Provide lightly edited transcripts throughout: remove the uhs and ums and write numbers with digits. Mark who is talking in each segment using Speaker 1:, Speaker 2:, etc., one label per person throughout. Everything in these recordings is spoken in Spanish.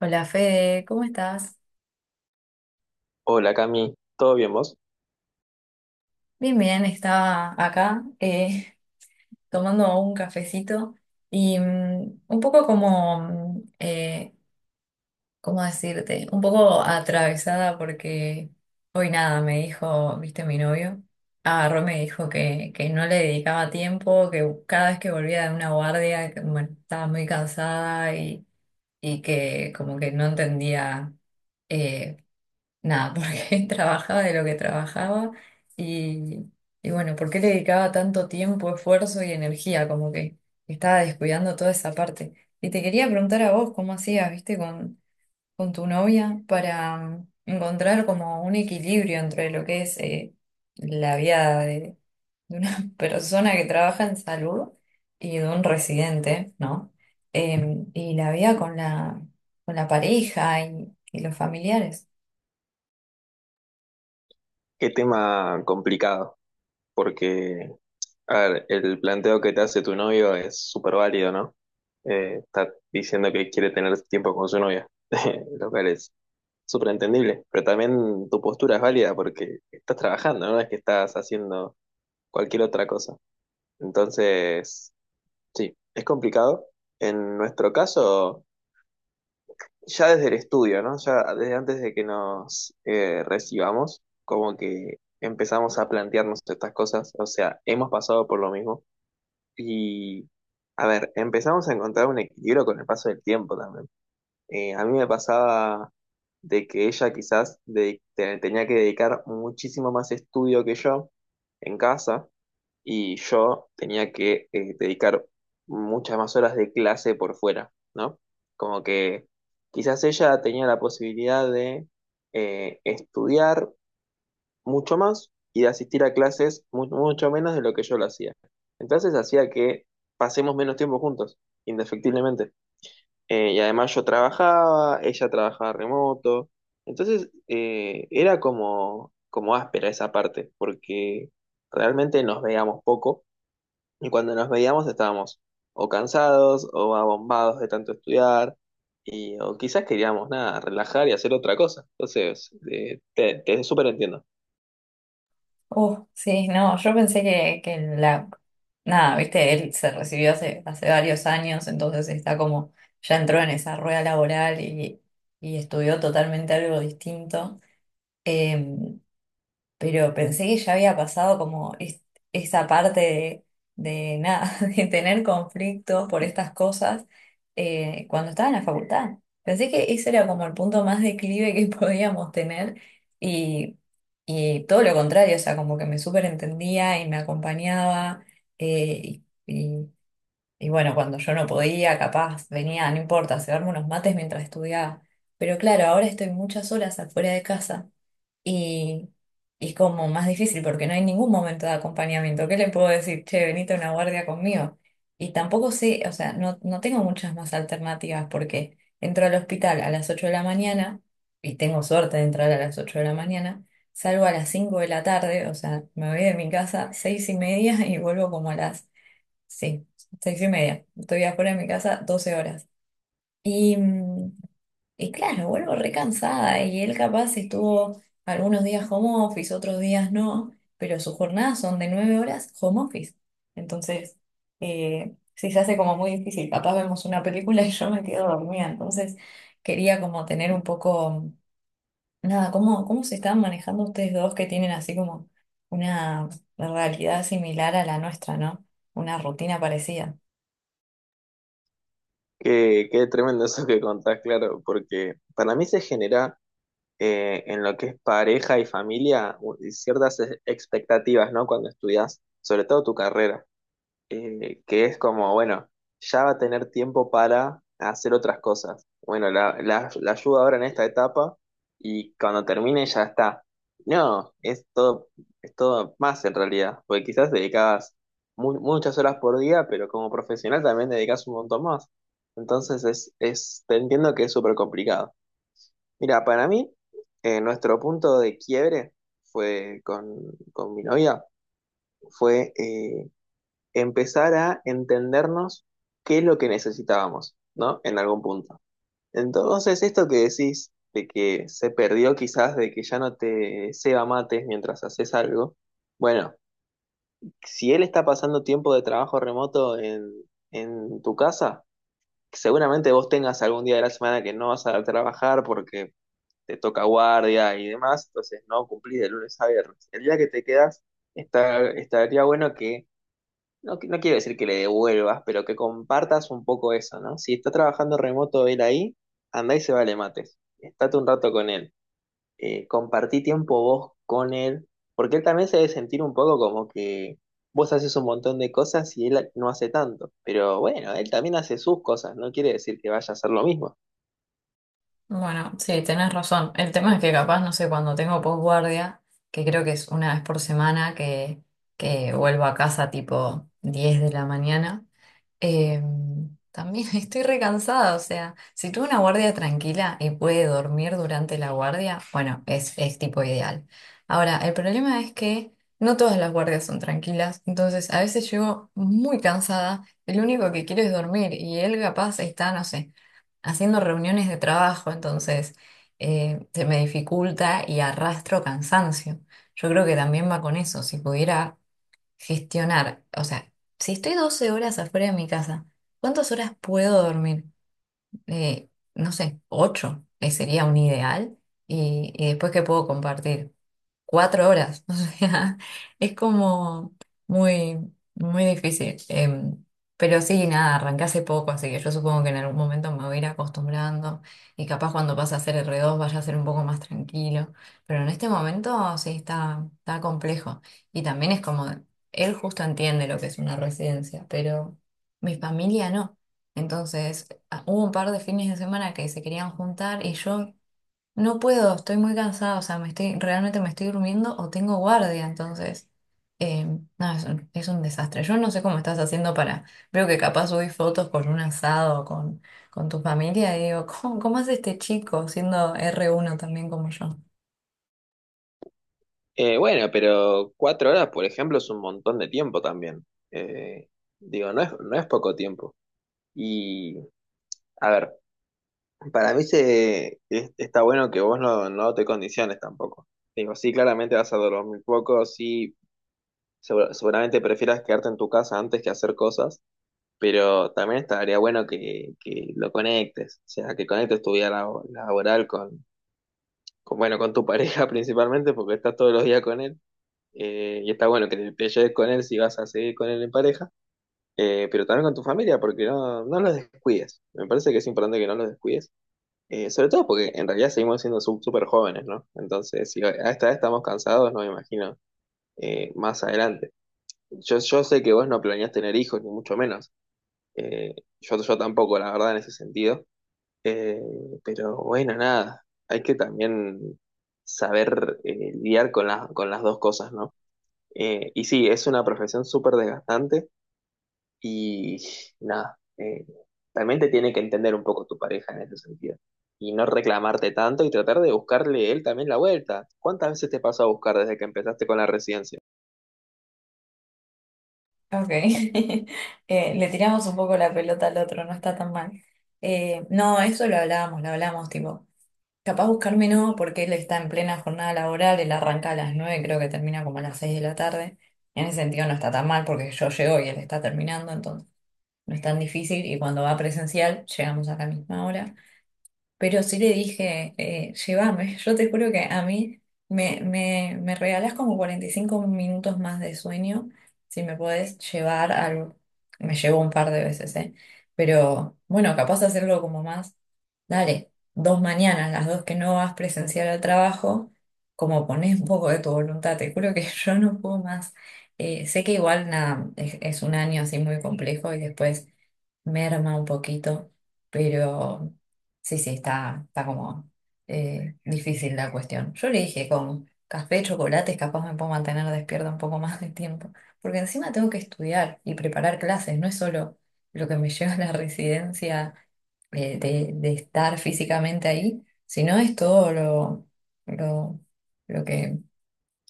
Speaker 1: Hola Fede, ¿cómo estás?
Speaker 2: Hola Cami, ¿todo bien vos?
Speaker 1: Bien, bien, estaba acá tomando un cafecito y un poco como, ¿cómo decirte? Un poco atravesada porque hoy nada, me dijo, viste, mi novio, agarró y me dijo que no le dedicaba tiempo, que cada vez que volvía de una guardia, que, bueno, estaba muy cansada y que como que no entendía. eh, Nada, porque trabajaba de lo que trabajaba y, y bueno, ¿por qué le dedicaba tanto tiempo, esfuerzo y energía? Como que estaba descuidando toda esa parte. Y te quería preguntar a vos, ¿cómo hacías, viste, con tu novia para encontrar como un equilibrio entre lo que es la vida de una persona que trabaja en salud y de un residente, ¿no? Y la vida con la pareja y los familiares.
Speaker 2: Qué tema complicado, porque, a ver, el planteo que te hace tu novio es súper válido, ¿no? Está diciendo que quiere tener tiempo con su novia, lo cual es súper entendible, pero también tu postura es válida porque estás trabajando, no es que estás haciendo cualquier otra cosa. Entonces, sí, es complicado. En nuestro caso... ya desde el estudio, ¿no? Ya desde antes de que nos recibamos, como que empezamos a plantearnos estas cosas, o sea, hemos pasado por lo mismo y, a ver, empezamos a encontrar un equilibrio con el paso del tiempo también. A mí me pasaba de que ella quizás tenía que dedicar muchísimo más estudio que yo en casa y yo tenía que dedicar muchas más horas de clase por fuera, ¿no? Como que quizás ella tenía la posibilidad de estudiar mucho más y de asistir a clases mucho menos de lo que yo lo hacía. Entonces hacía que pasemos menos tiempo juntos, indefectiblemente. Y además yo trabajaba, ella trabajaba remoto. Entonces era como, como áspera esa parte, porque realmente nos veíamos poco y cuando nos veíamos estábamos o cansados o abombados de tanto estudiar, y, o quizás queríamos nada, relajar y hacer otra cosa. Entonces, te súper entiendo.
Speaker 1: Sí, no, yo pensé. Nada, viste, él se recibió hace varios años, entonces está como, ya entró en esa rueda laboral y estudió totalmente algo distinto. Eh, pero pensé que ya había pasado como esa parte de nada, de tener conflictos por estas cosas cuando estaba en la facultad. Pensé que ese era como el punto más declive que podíamos tener y, y todo lo contrario, o sea, como que me súper entendía y me acompañaba eh, y, y- y bueno, cuando yo no podía, capaz venía, no importa, a cebarme unos mates mientras estudiaba. Pero claro, ahora estoy muchas horas afuera de casa. Y es como más difícil porque no hay ningún momento de acompañamiento. ¿Qué le puedo decir? Che, venite a una guardia conmigo. Y tampoco sé, o sea, no tengo muchas más alternativas porque entro al hospital a las 8 de la mañana y tengo suerte de entrar a las 8 de la mañana, salgo a las 5 de la tarde, o sea, me voy de mi casa 6:30 y vuelvo como a las, sí, 6:30. Estoy afuera de mi casa 12 horas. Y, mm, y claro, vuelvo recansada y él capaz estuvo algunos días home office, otros días no, pero sus jornadas son de 9 horas home office. Entonces, sí se hace como muy difícil. Capaz vemos una película y yo me quedo dormida. Entonces, quería como tener un poco, nada, ¿cómo se están manejando ustedes dos que tienen así como una realidad similar a la nuestra, ¿no? Una rutina parecida.
Speaker 2: Qué, qué tremendo eso que contás, claro, porque para mí se genera en lo que es pareja y familia ciertas expectativas, ¿no? Cuando estudias, sobre todo tu carrera. Que es como, bueno, ya va a tener tiempo para hacer otras cosas. Bueno, la ayuda ahora en esta etapa y cuando termine ya está. No, es todo más en realidad, porque quizás dedicabas muchas horas por día, pero como profesional también dedicas un montón más. Entonces te entiendo que es súper complicado. Mira, para mí, nuestro punto de quiebre fue con mi novia, fue empezar a entendernos qué es lo que necesitábamos, ¿no? En algún punto. Entonces, esto que decís de que se perdió quizás, de que ya no te ceba mates mientras haces algo, bueno, si él está pasando tiempo de trabajo remoto en tu casa, seguramente vos tengas algún día de la semana que no vas a trabajar porque te toca guardia y demás, entonces no cumplís de lunes a viernes. El día que te quedas, está, estaría bueno que no, no quiero decir que le devuelvas, pero que compartas un poco eso, ¿no? Si está trabajando remoto él ahí, andá y se vale mates. Estate un rato con él. Compartí tiempo vos con él, porque él también se debe sentir un poco como que vos haces un montón de cosas y él no hace tanto. Pero bueno, él también hace sus cosas, no quiere decir que vaya a hacer lo mismo.
Speaker 1: Bueno, sí, tenés razón. El tema es que capaz, no sé, cuando tengo posguardia, que creo que es una vez por semana que vuelvo a casa tipo 10 de la mañana. Eh, también estoy recansada, o sea, si tuve una guardia tranquila y puede dormir durante la guardia, bueno, es tipo ideal. Ahora, el problema es que no todas las guardias son tranquilas, entonces a veces llego muy cansada, el único que quiero es dormir y él capaz está, no sé, haciendo reuniones de trabajo, entonces se me dificulta y arrastro cansancio. Yo creo que también va con eso, si pudiera gestionar, o sea, si estoy 12 horas afuera de mi casa, ¿cuántas horas puedo dormir? Eh, no sé, 8, sería un ideal. Y después, ¿qué puedo compartir? 4 horas. O sea, es como muy, muy difícil. Pero sí, nada, arranqué hace poco, así que yo supongo que en algún momento me voy a ir acostumbrando y capaz cuando pase a ser R2 vaya a ser un poco más tranquilo. Pero en este momento sí está complejo. Y también es como, él justo entiende lo que es una residencia, pero mi familia no. Entonces, hubo un par de fines de semana que se querían juntar y yo no puedo, estoy muy cansada, o sea, realmente me estoy durmiendo o tengo guardia, entonces, eh, no, es un desastre. Yo no sé cómo estás haciendo para, veo que capaz subís fotos con un asado, con tu familia, y digo, ¿cómo hace este chico siendo R1 también como yo?
Speaker 2: Bueno, pero cuatro horas, por ejemplo, es un montón de tiempo también. Eh, Digo, no es, no es poco tiempo. Y. A ver, para mí está bueno que vos no, no te condiciones tampoco. Digo, sí, claramente vas a dormir poco, sí, seguramente prefieras quedarte en tu casa antes que hacer cosas, pero también estaría bueno que lo conectes, o sea, que conectes tu vida laboral con, bueno, con tu pareja principalmente, porque estás todos los días con él, y está bueno que te lleves con él si vas a seguir con él en pareja, pero también con tu familia, porque no, no los descuides. Me parece que es importante que no los descuides. Sobre todo porque en realidad seguimos siendo súper jóvenes, ¿no? Entonces, si a esta edad estamos cansados, no me imagino más adelante. Yo sé que vos no planeás tener hijos, ni mucho menos. Eh, yo, yo tampoco, la verdad, en ese sentido. Eh, pero bueno, nada, hay que también saber lidiar con las dos cosas, ¿no? Y sí, es una profesión súper desgastante y nada, también te tiene que entender un poco tu pareja en ese sentido. Y no reclamarte tanto y tratar de buscarle él también la vuelta. ¿Cuántas veces te pasó a buscar desde que empezaste con la residencia?
Speaker 1: Ok. Le tiramos un poco la pelota al otro, no está tan mal. No, eso lo hablábamos, lo hablamos, tipo. Capaz buscarme no, porque él está en plena jornada laboral, él arranca a las 9, creo que termina como a las 6 de la tarde. En ese sentido no está tan mal porque yo llego y él está terminando, entonces no es tan difícil y cuando va presencial llegamos a la misma hora. Pero sí le dije, llévame, yo te juro que a mí me regalás como 45 minutos más de sueño, si me podés llevar algo, me llevo un par de veces, ¿eh? Pero bueno, capaz de hacerlo como más, dale, dos mañanas, las dos que no vas presencial al trabajo, como ponés un poco de tu voluntad, te juro que yo no puedo más. Sé que igual nada, es un año así muy complejo y después merma un poquito, pero... Sí, sí, está como difícil la cuestión. Yo le dije, con café, chocolates, capaz me puedo mantener despierta un poco más de tiempo, porque encima tengo que estudiar y preparar clases, no es solo lo que me lleva a la residencia, de estar físicamente ahí, sino es todo lo, lo que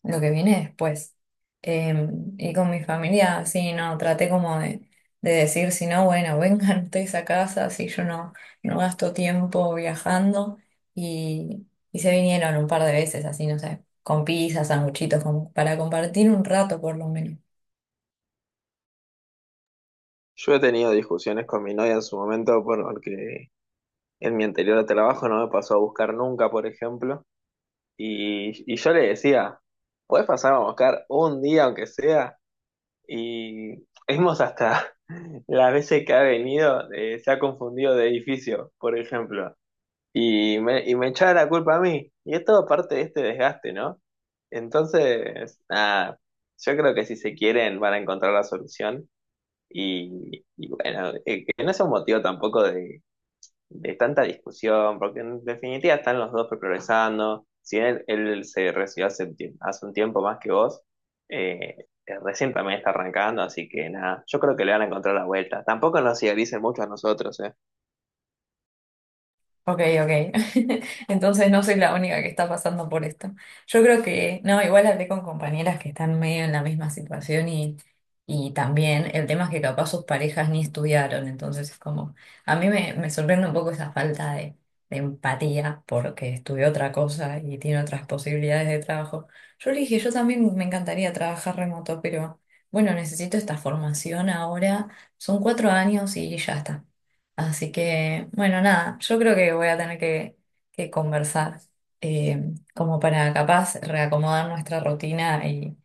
Speaker 1: lo que viene después. Eh, y con mi familia, sí, no, traté como de decir, si no, bueno, vengan ustedes a casa, si yo no gasto tiempo viajando. Y se vinieron un par de veces, así, no sé, con pizzas, sanguchitos, como para compartir un rato por lo menos.
Speaker 2: Yo he tenido discusiones con mi novia en su momento porque en mi anterior trabajo no me pasó a buscar nunca, por ejemplo. Y yo le decía, puedes pasar a buscar un día aunque sea. Y hemos hasta las veces que ha venido, se ha confundido de edificio, por ejemplo. Y me echaba la culpa a mí. Y es todo parte de este desgaste, ¿no? Entonces, nada, yo creo que si se quieren van a encontrar la solución. Y bueno, que no es un motivo tampoco de, de tanta discusión, porque en definitiva están los dos progresando. Si él, él se recibió hace, hace un tiempo más que vos, eh, recién también está arrancando, así que nada, yo creo que le van a encontrar la vuelta. Tampoco nos idealicen mucho a nosotros, ¿eh?
Speaker 1: Ok, ok. Entonces no soy la única que está pasando por esto. Yo creo que, no, igual hablé con compañeras que están medio en la misma situación y también el tema es que capaz sus parejas ni estudiaron, entonces es como, a mí me sorprende un poco esa falta de empatía porque estudió otra cosa y tiene otras posibilidades de trabajo. Yo le dije, yo también me encantaría trabajar remoto, pero bueno, necesito esta formación ahora, son 4 años y ya está. Así que, bueno, nada, yo creo que voy a tener que conversar, eh, como para capaz reacomodar nuestra rutina y,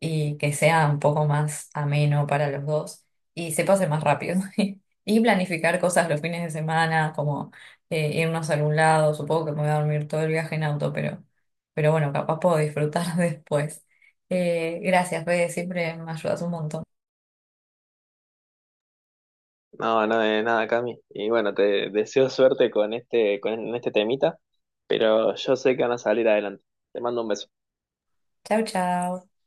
Speaker 1: y que sea un poco más ameno para los dos y se pase más rápido. Y planificar cosas los fines de semana, como irnos a algún lado, supongo que me voy a dormir todo el viaje en auto, pero bueno, capaz puedo disfrutar después. Gracias, Fede, siempre me ayudas un montón.
Speaker 2: No, no, de nada, Cami. Y bueno, te deseo suerte con este temita, pero yo sé que van a salir adelante. Te mando un beso.
Speaker 1: Chau, chau.